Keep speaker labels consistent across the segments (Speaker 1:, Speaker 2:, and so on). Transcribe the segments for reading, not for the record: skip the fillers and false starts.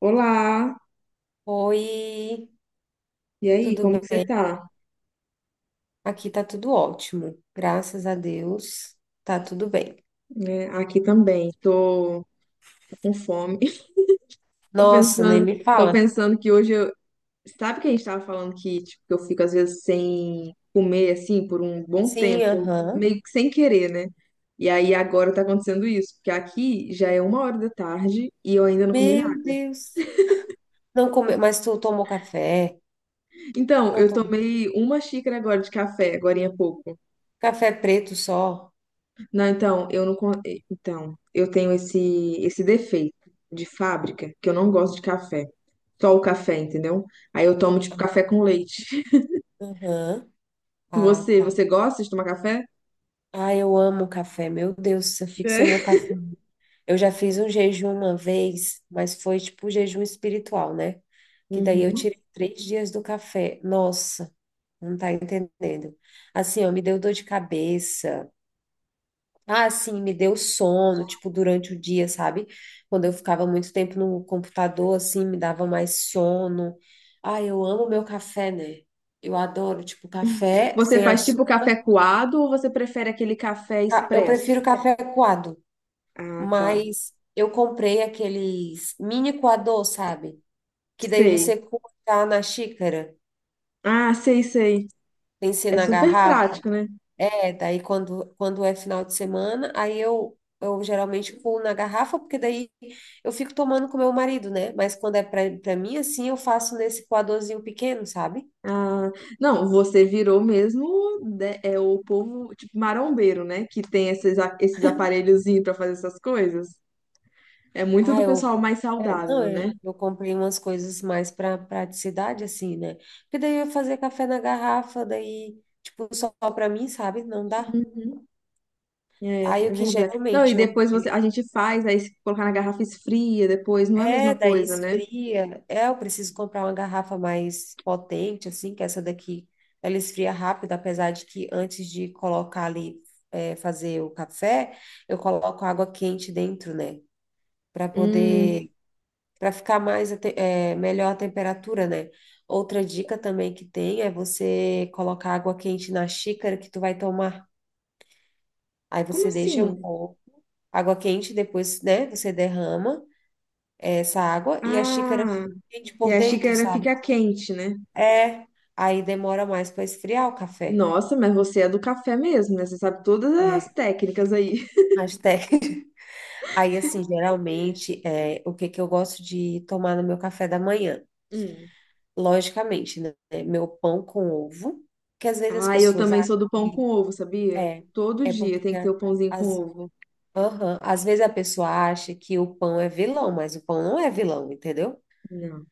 Speaker 1: Olá,
Speaker 2: Oi,
Speaker 1: e aí,
Speaker 2: tudo
Speaker 1: como
Speaker 2: bem?
Speaker 1: que você tá?
Speaker 2: Aqui tá tudo ótimo, graças a Deus, tá tudo bem.
Speaker 1: Né, aqui também, tô com fome. Tô
Speaker 2: Nossa, nem
Speaker 1: pensando,
Speaker 2: me
Speaker 1: tô
Speaker 2: fala.
Speaker 1: pensando que hoje eu, sabe que a gente tava falando que, tipo, que eu fico às vezes sem comer assim por um bom
Speaker 2: Sim,
Speaker 1: tempo,
Speaker 2: aham.
Speaker 1: meio que sem querer, né? E aí agora tá acontecendo isso, porque aqui já é uma hora da tarde e eu ainda não comi
Speaker 2: Meu
Speaker 1: nada.
Speaker 2: Deus. Não come... Mas tu tomou café?
Speaker 1: Então,
Speaker 2: Não
Speaker 1: eu
Speaker 2: tomou.
Speaker 1: tomei uma xícara agora de café, agorinha há pouco.
Speaker 2: Café preto só?
Speaker 1: Não, então, eu não, então, eu tenho esse defeito de fábrica, que eu não gosto de café. Só o café, entendeu? Aí eu tomo tipo café com leite.
Speaker 2: Aham. Ah,
Speaker 1: Você,
Speaker 2: tá.
Speaker 1: você gosta de tomar café?
Speaker 2: Ah, eu amo café, meu Deus, eu fico sem meu
Speaker 1: É.
Speaker 2: café. Eu já fiz um jejum uma vez, mas foi tipo jejum espiritual, né? Que daí eu
Speaker 1: Uhum.
Speaker 2: tirei três dias do café. Nossa, não tá entendendo. Assim, ó, me deu dor de cabeça. Ah, assim, me deu sono, tipo, durante o dia, sabe? Quando eu ficava muito tempo no computador, assim, me dava mais sono. Ah, eu amo meu café, né? Eu adoro, tipo, café
Speaker 1: Você
Speaker 2: sem
Speaker 1: faz
Speaker 2: açúcar.
Speaker 1: tipo café coado ou você prefere aquele café
Speaker 2: Ah, eu prefiro
Speaker 1: expresso?
Speaker 2: café coado.
Speaker 1: Ah, tá.
Speaker 2: Mas eu comprei aqueles mini coador, sabe? Que daí você
Speaker 1: Sei.
Speaker 2: coloca na xícara,
Speaker 1: Ah, sei, sei.
Speaker 2: tem que ser
Speaker 1: É
Speaker 2: na
Speaker 1: super
Speaker 2: garrafa.
Speaker 1: prático, né?
Speaker 2: É, daí quando é final de semana, aí eu geralmente pulo na garrafa, porque daí eu fico tomando com meu marido, né? Mas quando é pra mim, assim, eu faço nesse coadorzinho pequeno, sabe?
Speaker 1: Ah, não, você virou mesmo é o povo tipo marombeiro, né? Que tem esses aparelhozinhos pra fazer essas coisas. É muito
Speaker 2: Ah,
Speaker 1: do
Speaker 2: eu.
Speaker 1: pessoal mais
Speaker 2: É, não,
Speaker 1: saudável, né?
Speaker 2: é, eu comprei umas coisas mais para praticidade, assim, né? Porque daí eu ia fazer café na garrafa, daí, tipo, só pra mim, sabe? Não dá.
Speaker 1: Hum. É
Speaker 2: Aí o que
Speaker 1: verdade. Então e
Speaker 2: geralmente
Speaker 1: depois você, a gente faz, aí se colocar na garrafa esfria depois, não é a mesma
Speaker 2: daí
Speaker 1: coisa, né?
Speaker 2: esfria. É, eu preciso comprar uma garrafa mais potente, assim, que essa daqui ela esfria rápido, apesar de que antes de colocar ali, fazer o café, eu coloco água quente dentro, né? Para
Speaker 1: Hum,
Speaker 2: poder, para ficar mais, melhor a temperatura, né? Outra dica também que tem é você colocar água quente na xícara que tu vai tomar. Aí
Speaker 1: como
Speaker 2: você deixa um
Speaker 1: assim?
Speaker 2: pouco água quente, depois, né, você derrama. Essa água e a xícara é
Speaker 1: Ah,
Speaker 2: quente
Speaker 1: e
Speaker 2: por
Speaker 1: a
Speaker 2: dentro,
Speaker 1: xícara
Speaker 2: sabe?
Speaker 1: fica quente, né?
Speaker 2: É, aí demora mais para esfriar o café.
Speaker 1: Nossa, mas você é do café mesmo, né? Você sabe todas as
Speaker 2: É,
Speaker 1: técnicas aí.
Speaker 2: mas Aí, assim, geralmente, é, o que que eu gosto de tomar no meu café da manhã?
Speaker 1: Hum.
Speaker 2: Logicamente, né? Meu pão com ovo, que às vezes as
Speaker 1: Ah, eu
Speaker 2: pessoas
Speaker 1: também
Speaker 2: acham
Speaker 1: sou do pão com
Speaker 2: que
Speaker 1: ovo, sabia?
Speaker 2: é,
Speaker 1: Todo
Speaker 2: é
Speaker 1: dia
Speaker 2: porque
Speaker 1: tem que ter o pãozinho com
Speaker 2: as,
Speaker 1: ovo.
Speaker 2: aham, às vezes a pessoa acha que o pão é vilão, mas o pão não é vilão, entendeu?
Speaker 1: Não.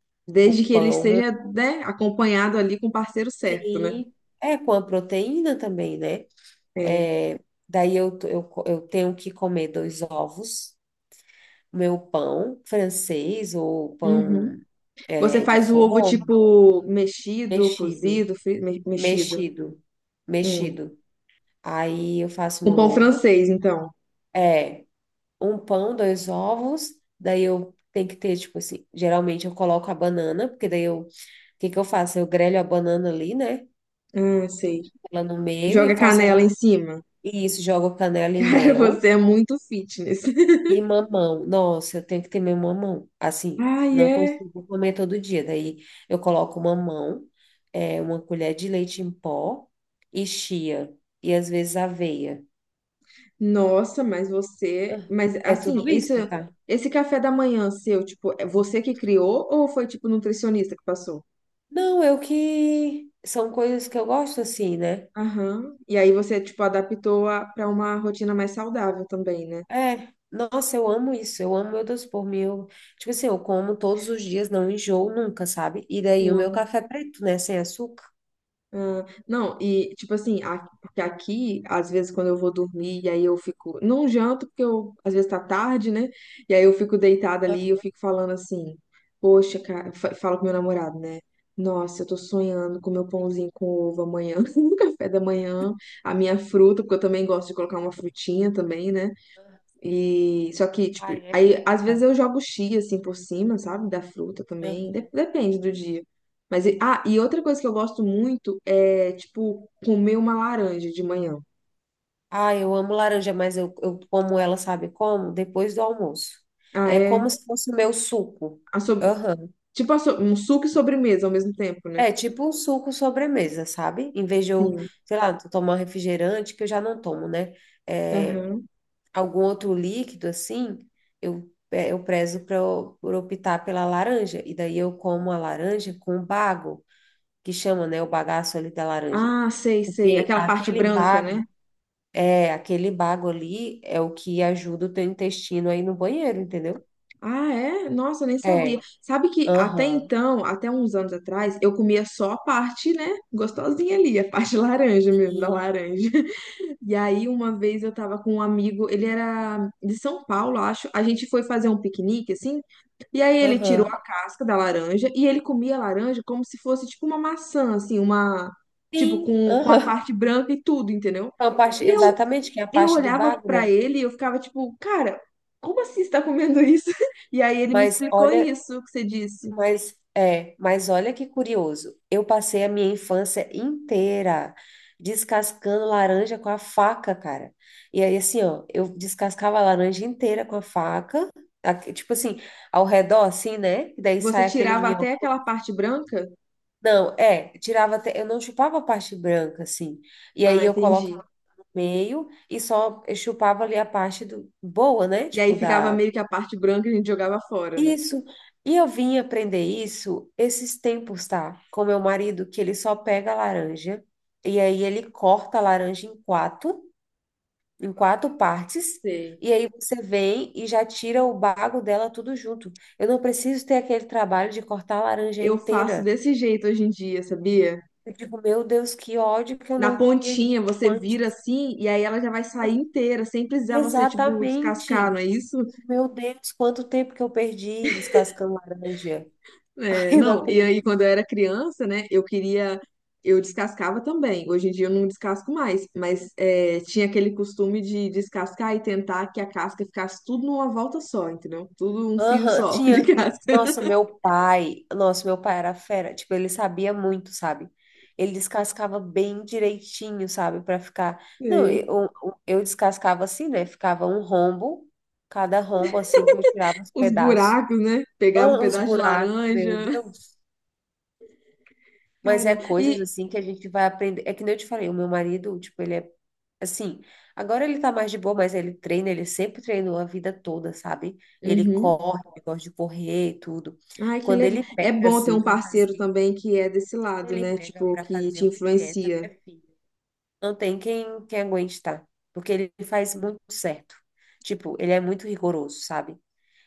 Speaker 2: O
Speaker 1: Desde que ele
Speaker 2: pão,
Speaker 1: esteja, né, acompanhado ali com o parceiro certo, né?
Speaker 2: sim, é com a proteína também, né?
Speaker 1: É.
Speaker 2: É, daí eu tenho que comer dois ovos, meu pão francês ou
Speaker 1: Uhum.
Speaker 2: pão
Speaker 1: Você
Speaker 2: é, de
Speaker 1: faz o ovo
Speaker 2: forno,
Speaker 1: tipo mexido,
Speaker 2: mexido,
Speaker 1: cozido, mexido.
Speaker 2: mexido,
Speaker 1: Hum.
Speaker 2: mexido. Aí eu faço
Speaker 1: Com
Speaker 2: meu
Speaker 1: pão
Speaker 2: ovo,
Speaker 1: francês, então.
Speaker 2: é um pão, dois ovos, daí eu tenho que ter, tipo assim, geralmente eu coloco a banana, porque daí eu, o que que eu faço? Eu grelho a banana ali, né?
Speaker 1: Ah, sei.
Speaker 2: Ela no meio
Speaker 1: Joga
Speaker 2: e faço,
Speaker 1: canela em cima.
Speaker 2: isso, jogo canela e
Speaker 1: Cara,
Speaker 2: mel.
Speaker 1: você é muito fitness.
Speaker 2: E mamão, nossa, eu tenho que ter meu mamão. Assim,
Speaker 1: Ai,
Speaker 2: não
Speaker 1: é.
Speaker 2: consigo comer todo dia. Daí eu coloco mamão, é, uma colher de leite em pó e chia. E às vezes aveia.
Speaker 1: Nossa, mas você.
Speaker 2: Ah,
Speaker 1: Mas
Speaker 2: é
Speaker 1: assim,
Speaker 2: tudo
Speaker 1: isso,
Speaker 2: isso, tá?
Speaker 1: esse café da manhã seu, tipo, é você que criou ou foi tipo nutricionista que passou?
Speaker 2: Não, eu que. São coisas que eu gosto assim, né?
Speaker 1: Aham. E aí você, tipo, adaptou pra uma rotina mais saudável também, né?
Speaker 2: É. Nossa, eu amo isso. Eu amo meu doce por mim. Eu... Tipo assim, eu como todos os dias, não enjoo nunca, sabe? E daí o meu
Speaker 1: Sim.
Speaker 2: café é preto, né? Sem açúcar.
Speaker 1: Ah, não, e tipo assim, porque aqui, às vezes, quando eu vou dormir, e aí eu fico, não janto, porque eu, às vezes tá tarde, né? E aí eu fico deitada ali, eu
Speaker 2: Aham.
Speaker 1: fico falando assim, poxa, cara, falo com meu namorado, né? Nossa, eu tô sonhando com meu pãozinho com ovo amanhã, no café da manhã, a minha fruta, porque eu também gosto de colocar uma frutinha também, né? E só que, tipo,
Speaker 2: Ai, é
Speaker 1: aí
Speaker 2: vida,
Speaker 1: às
Speaker 2: tá?
Speaker 1: vezes eu jogo chia assim por cima, sabe? Da fruta também. de-
Speaker 2: Aham.
Speaker 1: depende do dia. Mas, ah, e outra coisa que eu gosto muito é, tipo, comer uma laranja de manhã.
Speaker 2: Ah, eu amo laranja, mas eu como ela, sabe como? Depois do almoço.
Speaker 1: Ah,
Speaker 2: É
Speaker 1: é.
Speaker 2: como se fosse o meu suco.
Speaker 1: A sob-
Speaker 2: Aham.
Speaker 1: Tipo, um suco e sobremesa ao mesmo tempo, né?
Speaker 2: É tipo um suco sobremesa, sabe? Em vez de eu,
Speaker 1: Sim.
Speaker 2: sei lá, tomar um refrigerante, que eu já não tomo, né? É,
Speaker 1: Aham.
Speaker 2: algum outro líquido assim, eu prezo por optar pela laranja. E daí eu como a laranja com bago, que chama, né, o bagaço ali da laranja.
Speaker 1: Ah, sei, sei.
Speaker 2: Porque
Speaker 1: Aquela parte
Speaker 2: aquele
Speaker 1: branca, né?
Speaker 2: bago. É, aquele bago ali é o que ajuda o teu intestino aí no banheiro, entendeu?
Speaker 1: Ah, é? Nossa, eu nem sabia.
Speaker 2: É.
Speaker 1: Sabe que até
Speaker 2: Aham.
Speaker 1: então, até uns anos atrás, eu comia só a parte, né? Gostosinha ali, a parte laranja mesmo, da
Speaker 2: Sim.
Speaker 1: laranja. E aí, uma vez eu tava com um amigo, ele era de São Paulo, acho. A gente foi fazer um piquenique, assim. E aí, ele tirou
Speaker 2: Aham.
Speaker 1: a casca da laranja e ele comia a laranja como se fosse tipo uma maçã, assim, uma. Tipo,
Speaker 2: Sim.
Speaker 1: com a
Speaker 2: Aham.
Speaker 1: parte branca e tudo, entendeu?
Speaker 2: É uma parte,
Speaker 1: E eu,
Speaker 2: exatamente, que é a
Speaker 1: eu
Speaker 2: parte do
Speaker 1: olhava
Speaker 2: bago,
Speaker 1: pra
Speaker 2: né?
Speaker 1: ele e eu ficava tipo, cara, como assim você tá comendo isso? E aí, ele me
Speaker 2: Mas
Speaker 1: explicou
Speaker 2: olha,
Speaker 1: isso que você disse.
Speaker 2: mas olha que curioso. Eu passei a minha infância inteira descascando laranja com a faca, cara. E aí assim, ó, eu descascava a laranja inteira com a faca, tipo assim, ao redor assim, né? E daí
Speaker 1: Você
Speaker 2: sai aquele
Speaker 1: tirava até
Speaker 2: minhocão.
Speaker 1: aquela parte branca?
Speaker 2: Não, é, tirava até, eu não chupava a parte branca, assim. E aí
Speaker 1: Ah,
Speaker 2: eu coloco
Speaker 1: entendi.
Speaker 2: no meio e só eu chupava ali a parte do boa, né?
Speaker 1: E aí
Speaker 2: Tipo
Speaker 1: ficava
Speaker 2: da
Speaker 1: meio que a parte branca e a gente jogava fora, né?
Speaker 2: isso. E eu vim aprender isso esses tempos, tá? Com meu marido, que ele só pega a laranja e aí ele corta a laranja em quatro partes.
Speaker 1: Sei.
Speaker 2: E aí você vem e já tira o bago dela tudo junto. Eu não preciso ter aquele trabalho de cortar a laranja
Speaker 1: Eu faço
Speaker 2: inteira.
Speaker 1: desse jeito hoje em dia, sabia?
Speaker 2: Eu digo, meu Deus, que ódio que eu
Speaker 1: Na
Speaker 2: não via disso
Speaker 1: pontinha você vira
Speaker 2: antes.
Speaker 1: assim e aí ela já vai sair inteira, sem precisar você, tipo, descascar, não
Speaker 2: Exatamente.
Speaker 1: é isso?
Speaker 2: Meu Deus, quanto tempo que eu perdi descascando laranja. Ai,
Speaker 1: É,
Speaker 2: eu não
Speaker 1: não, e
Speaker 2: acredito.
Speaker 1: aí quando eu era criança, né, eu queria. Eu descascava também. Hoje em dia eu não descasco mais, mas é, tinha aquele costume de descascar e tentar que a casca ficasse tudo numa volta só, entendeu? Tudo um fio
Speaker 2: Aham,
Speaker 1: só de
Speaker 2: tinha.
Speaker 1: casca.
Speaker 2: Nossa, meu pai. Nossa, meu pai era fera. Tipo, ele sabia muito, sabe? Ele descascava bem direitinho, sabe? Pra ficar. Não,
Speaker 1: Sei.
Speaker 2: eu descascava assim, né? Ficava um rombo, cada rombo assim que eu tirava os
Speaker 1: Os
Speaker 2: pedaços.
Speaker 1: buracos, né? Pegava um
Speaker 2: Ah, os
Speaker 1: pedaço de
Speaker 2: buracos, meu
Speaker 1: laranja.
Speaker 2: Deus. Mas é
Speaker 1: Caramba.
Speaker 2: coisas
Speaker 1: E.
Speaker 2: assim que a gente vai aprender. É que nem eu te falei, o meu marido, tipo, ele é assim. Agora ele tá mais de boa, mas ele treina, ele sempre treinou a vida toda, sabe? Ele
Speaker 1: Uhum.
Speaker 2: corre, ele gosta de correr e tudo.
Speaker 1: Ai, que
Speaker 2: Quando
Speaker 1: legal.
Speaker 2: ele
Speaker 1: É
Speaker 2: pega
Speaker 1: bom ter
Speaker 2: assim
Speaker 1: um
Speaker 2: pra
Speaker 1: parceiro
Speaker 2: fazer,
Speaker 1: também que é desse
Speaker 2: quando
Speaker 1: lado,
Speaker 2: ele
Speaker 1: né?
Speaker 2: pega
Speaker 1: Tipo,
Speaker 2: pra
Speaker 1: que
Speaker 2: fazer
Speaker 1: te
Speaker 2: uma dieta,
Speaker 1: influencia.
Speaker 2: minha filha, não tem quem aguente, tá? Porque ele faz muito certo. Tipo, ele é muito rigoroso, sabe?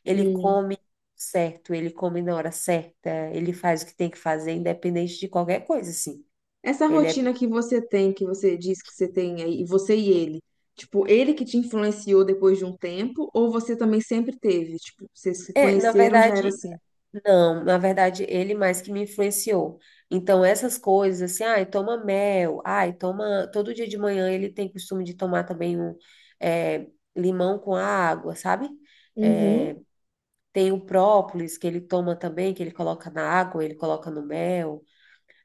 Speaker 2: Ele
Speaker 1: Hum.
Speaker 2: come certo, ele come na hora certa, ele faz o que tem que fazer, independente de qualquer coisa, assim.
Speaker 1: Essa
Speaker 2: Ele é
Speaker 1: rotina que você tem, que você diz que você tem aí, você e ele. Tipo, ele que te influenciou depois de um tempo, ou você também sempre teve? Tipo, vocês se
Speaker 2: É, na
Speaker 1: conheceram, já era
Speaker 2: verdade,
Speaker 1: assim.
Speaker 2: não, na verdade, ele mais que me influenciou. Então, essas coisas, assim, ai, toma mel, ai, toma. Todo dia de manhã ele tem costume de tomar também um é, limão com água, sabe?
Speaker 1: Uhum,
Speaker 2: É, tem o própolis que ele toma também, que ele coloca na água, ele coloca no mel.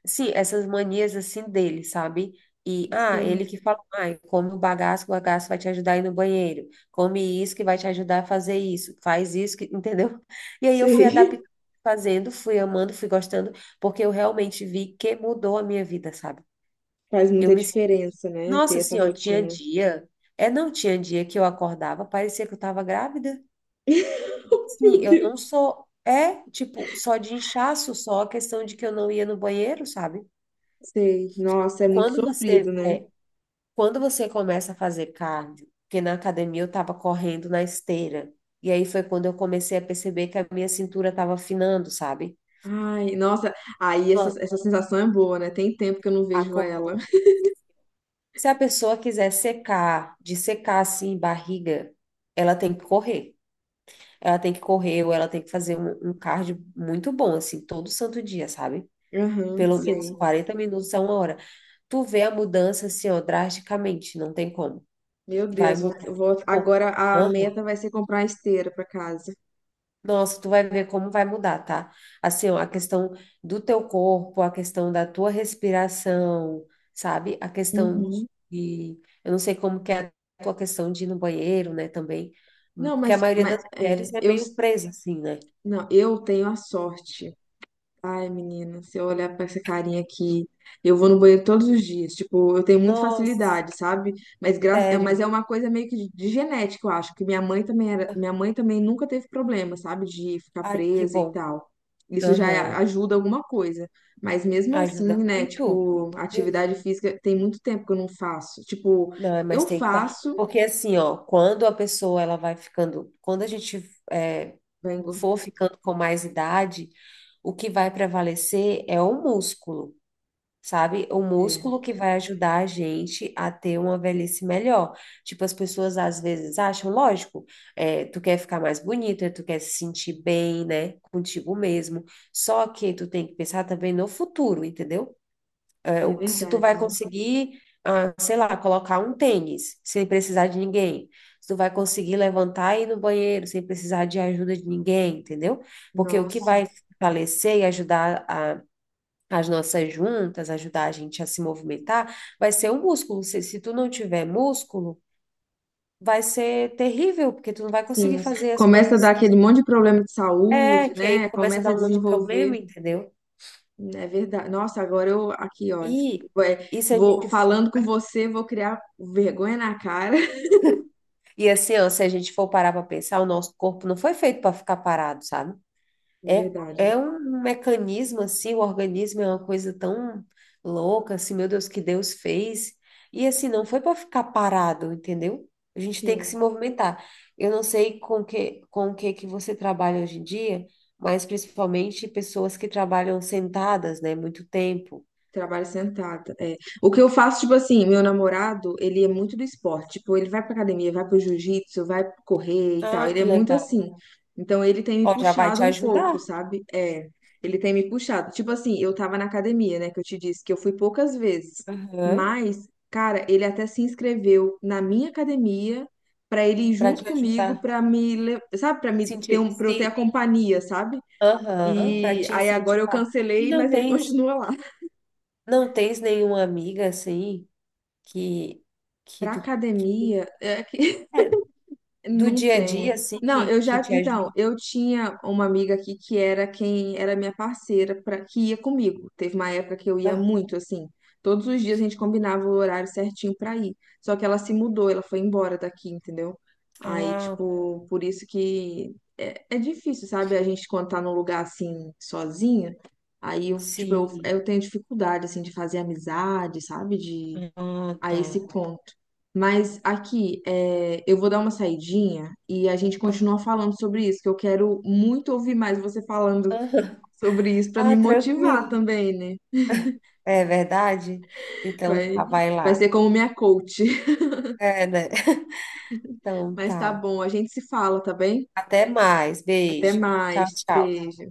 Speaker 2: Sim, essas manias assim dele, sabe? E, ah, ele
Speaker 1: sei,
Speaker 2: que fala, ah, come o bagaço vai te ajudar a ir no banheiro. Come isso que vai te ajudar a fazer isso. Faz isso, que, entendeu? E aí eu fui
Speaker 1: sei.
Speaker 2: adaptando, fazendo, fui amando, fui gostando, porque eu realmente vi que mudou a minha vida, sabe?
Speaker 1: Faz
Speaker 2: Eu
Speaker 1: muita
Speaker 2: me... sen-
Speaker 1: diferença, né? Ter
Speaker 2: Nossa,
Speaker 1: essa
Speaker 2: assim, ó, tinha
Speaker 1: rotina.
Speaker 2: dia... não tinha dia que eu acordava, parecia que eu tava grávida. Sim,
Speaker 1: Meu
Speaker 2: eu não
Speaker 1: Deus.
Speaker 2: sou... É, tipo, só de inchaço, só a questão de que eu não ia no banheiro, sabe?
Speaker 1: Sei. Nossa, é muito
Speaker 2: Quando
Speaker 1: sofrido,
Speaker 2: você...
Speaker 1: né?
Speaker 2: é, Quando você começa a fazer cardio, porque na academia eu estava correndo na esteira, e aí foi quando eu comecei a perceber que a minha cintura estava afinando, sabe?
Speaker 1: Ai, nossa. Aí essa sensação é boa, né? Tem tempo que eu não
Speaker 2: A
Speaker 1: vejo ela.
Speaker 2: corrida. Se a pessoa quiser secar, de secar assim, barriga, ela tem que correr. Ela tem que correr ou ela tem que fazer um cardio muito bom, assim, todo santo dia, sabe?
Speaker 1: Aham,
Speaker 2: Pelo menos
Speaker 1: sei.
Speaker 2: 40 minutos a uma hora. Tu vê a mudança, assim, ó, drasticamente, não tem como.
Speaker 1: Meu
Speaker 2: Vai
Speaker 1: Deus,
Speaker 2: mudar. Pô.
Speaker 1: agora a meta vai ser comprar uma esteira para casa.
Speaker 2: Nossa, tu vai ver como vai mudar, tá? Assim, ó, a questão do teu corpo, a questão da tua respiração, sabe? A questão
Speaker 1: Uhum.
Speaker 2: de, eu não sei como que é a tua questão de ir no banheiro, né, também,
Speaker 1: Não,
Speaker 2: porque a
Speaker 1: mas,
Speaker 2: maioria
Speaker 1: mas
Speaker 2: das
Speaker 1: é,
Speaker 2: mulheres é
Speaker 1: eu,
Speaker 2: meio presa assim, né?
Speaker 1: não, eu tenho a sorte. Ai, menina, se eu olhar pra essa carinha aqui, eu vou no banheiro todos os dias. Tipo, eu tenho muita
Speaker 2: Nossa,
Speaker 1: facilidade, sabe? Mas, mas é
Speaker 2: sério.
Speaker 1: uma coisa meio que de genética, eu acho, que minha mãe também nunca teve problema, sabe? De ficar
Speaker 2: Ai, que
Speaker 1: presa e
Speaker 2: bom.
Speaker 1: tal. Isso já
Speaker 2: Aham.
Speaker 1: ajuda alguma coisa. Mas mesmo assim,
Speaker 2: Ajuda
Speaker 1: né?
Speaker 2: muito.
Speaker 1: Tipo,
Speaker 2: Meu Deus.
Speaker 1: atividade física tem muito tempo que eu não faço. Tipo,
Speaker 2: Não, é,
Speaker 1: eu
Speaker 2: mas tem que fazer.
Speaker 1: faço.
Speaker 2: Porque assim, ó, quando a pessoa ela vai ficando, quando a gente é,
Speaker 1: Vai engor-
Speaker 2: for ficando com mais idade, o que vai prevalecer é o músculo, sabe? O
Speaker 1: É,
Speaker 2: músculo que vai ajudar a gente a ter uma velhice melhor. Tipo, as pessoas às vezes acham, lógico, é, tu quer ficar mais bonita, tu quer se sentir bem, né, contigo mesmo. Só que tu tem que pensar também no futuro, entendeu?
Speaker 1: é
Speaker 2: Se tu
Speaker 1: verdade,
Speaker 2: vai
Speaker 1: né?
Speaker 2: conseguir, ah, sei lá, colocar um tênis sem precisar de ninguém. Se tu vai conseguir levantar e ir no banheiro sem precisar de ajuda de ninguém, entendeu? Porque o que
Speaker 1: Nossa.
Speaker 2: vai fortalecer e as nossas juntas, ajudar a gente a se movimentar, vai ser o músculo. Se tu não tiver músculo, vai ser terrível, porque tu não vai conseguir
Speaker 1: Sim,
Speaker 2: fazer as
Speaker 1: começa a
Speaker 2: coisas
Speaker 1: dar aquele monte de problema de saúde,
Speaker 2: que aí
Speaker 1: né?
Speaker 2: começa a
Speaker 1: Começa
Speaker 2: dar
Speaker 1: a
Speaker 2: um monte de
Speaker 1: desenvolver,
Speaker 2: problema, entendeu?
Speaker 1: é verdade. Nossa, agora eu aqui, olha,
Speaker 2: E,
Speaker 1: vai-
Speaker 2: e se a
Speaker 1: vou
Speaker 2: gente for
Speaker 1: falando com você, vou criar vergonha na cara.
Speaker 2: E assim, ó, se a gente for parar para pensar, o nosso corpo não foi feito para ficar parado, sabe?
Speaker 1: É
Speaker 2: É,
Speaker 1: verdade.
Speaker 2: é um mecanismo assim, o organismo é uma coisa tão louca, assim, meu Deus, que Deus fez. E assim, não foi para ficar parado, entendeu? A gente tem que
Speaker 1: Sim.
Speaker 2: se movimentar. Eu não sei com o que que você trabalha hoje em dia, mas principalmente pessoas que trabalham sentadas, né, muito tempo.
Speaker 1: Trabalho sentada, é. O que eu faço, tipo assim, meu namorado, ele é muito do esporte. Tipo, ele vai pra academia, vai pro jiu-jitsu, vai correr e tal.
Speaker 2: Ah,
Speaker 1: Ele é
Speaker 2: que
Speaker 1: muito
Speaker 2: legal.
Speaker 1: assim. Então, ele tem me
Speaker 2: Ó, já vai
Speaker 1: puxado
Speaker 2: te
Speaker 1: um pouco,
Speaker 2: ajudar.
Speaker 1: sabe? É, ele tem me puxado. Tipo assim, eu tava na academia, né, que eu te disse, que eu fui poucas vezes.
Speaker 2: Aham.
Speaker 1: Mas, cara, ele até se inscreveu na minha academia pra ele ir
Speaker 2: Para
Speaker 1: junto
Speaker 2: te
Speaker 1: comigo,
Speaker 2: ajudar.
Speaker 1: pra me, sabe, pra me ter
Speaker 2: Sentir,
Speaker 1: um, pra eu ter a
Speaker 2: se
Speaker 1: companhia, sabe?
Speaker 2: Aham, para
Speaker 1: E
Speaker 2: te
Speaker 1: aí agora eu
Speaker 2: incentivar. E
Speaker 1: cancelei,
Speaker 2: não
Speaker 1: mas ele
Speaker 2: tens,
Speaker 1: continua lá.
Speaker 2: não tens nenhuma amiga assim que que
Speaker 1: Pra
Speaker 2: tu
Speaker 1: academia, é que
Speaker 2: é, do
Speaker 1: não
Speaker 2: dia a dia
Speaker 1: tem.
Speaker 2: assim
Speaker 1: Não, eu
Speaker 2: que
Speaker 1: já,
Speaker 2: te
Speaker 1: então,
Speaker 2: ajude.
Speaker 1: eu tinha uma amiga aqui que era quem era minha parceira para que ia comigo. Teve uma época que eu ia
Speaker 2: Ah,
Speaker 1: muito assim. Todos os dias a gente combinava o horário certinho pra ir. Só que ela se mudou, ela foi embora daqui, entendeu? Aí,
Speaker 2: ah,
Speaker 1: tipo, por isso que é difícil, sabe? A gente quando tá num lugar assim sozinha, aí eu, tipo, eu,
Speaker 2: sim.
Speaker 1: eu tenho dificuldade assim de fazer amizade, sabe? De
Speaker 2: Ah,
Speaker 1: a
Speaker 2: tá.
Speaker 1: esse ponto. Mas aqui, é, eu vou dar uma saidinha e a gente
Speaker 2: Ah,
Speaker 1: continua falando sobre isso, que eu quero muito ouvir mais você falando
Speaker 2: aham.
Speaker 1: sobre isso para
Speaker 2: Ah,
Speaker 1: me motivar
Speaker 2: tranquilo.
Speaker 1: também, né?
Speaker 2: É verdade? Então
Speaker 1: Vai,
Speaker 2: tá, vai
Speaker 1: vai
Speaker 2: lá.
Speaker 1: ser como minha coach.
Speaker 2: É, né? Então
Speaker 1: Mas tá
Speaker 2: tá.
Speaker 1: bom, a gente se fala, tá bem?
Speaker 2: Até mais.
Speaker 1: Até
Speaker 2: Beijo. Tchau,
Speaker 1: mais.
Speaker 2: tchau.
Speaker 1: Beijo.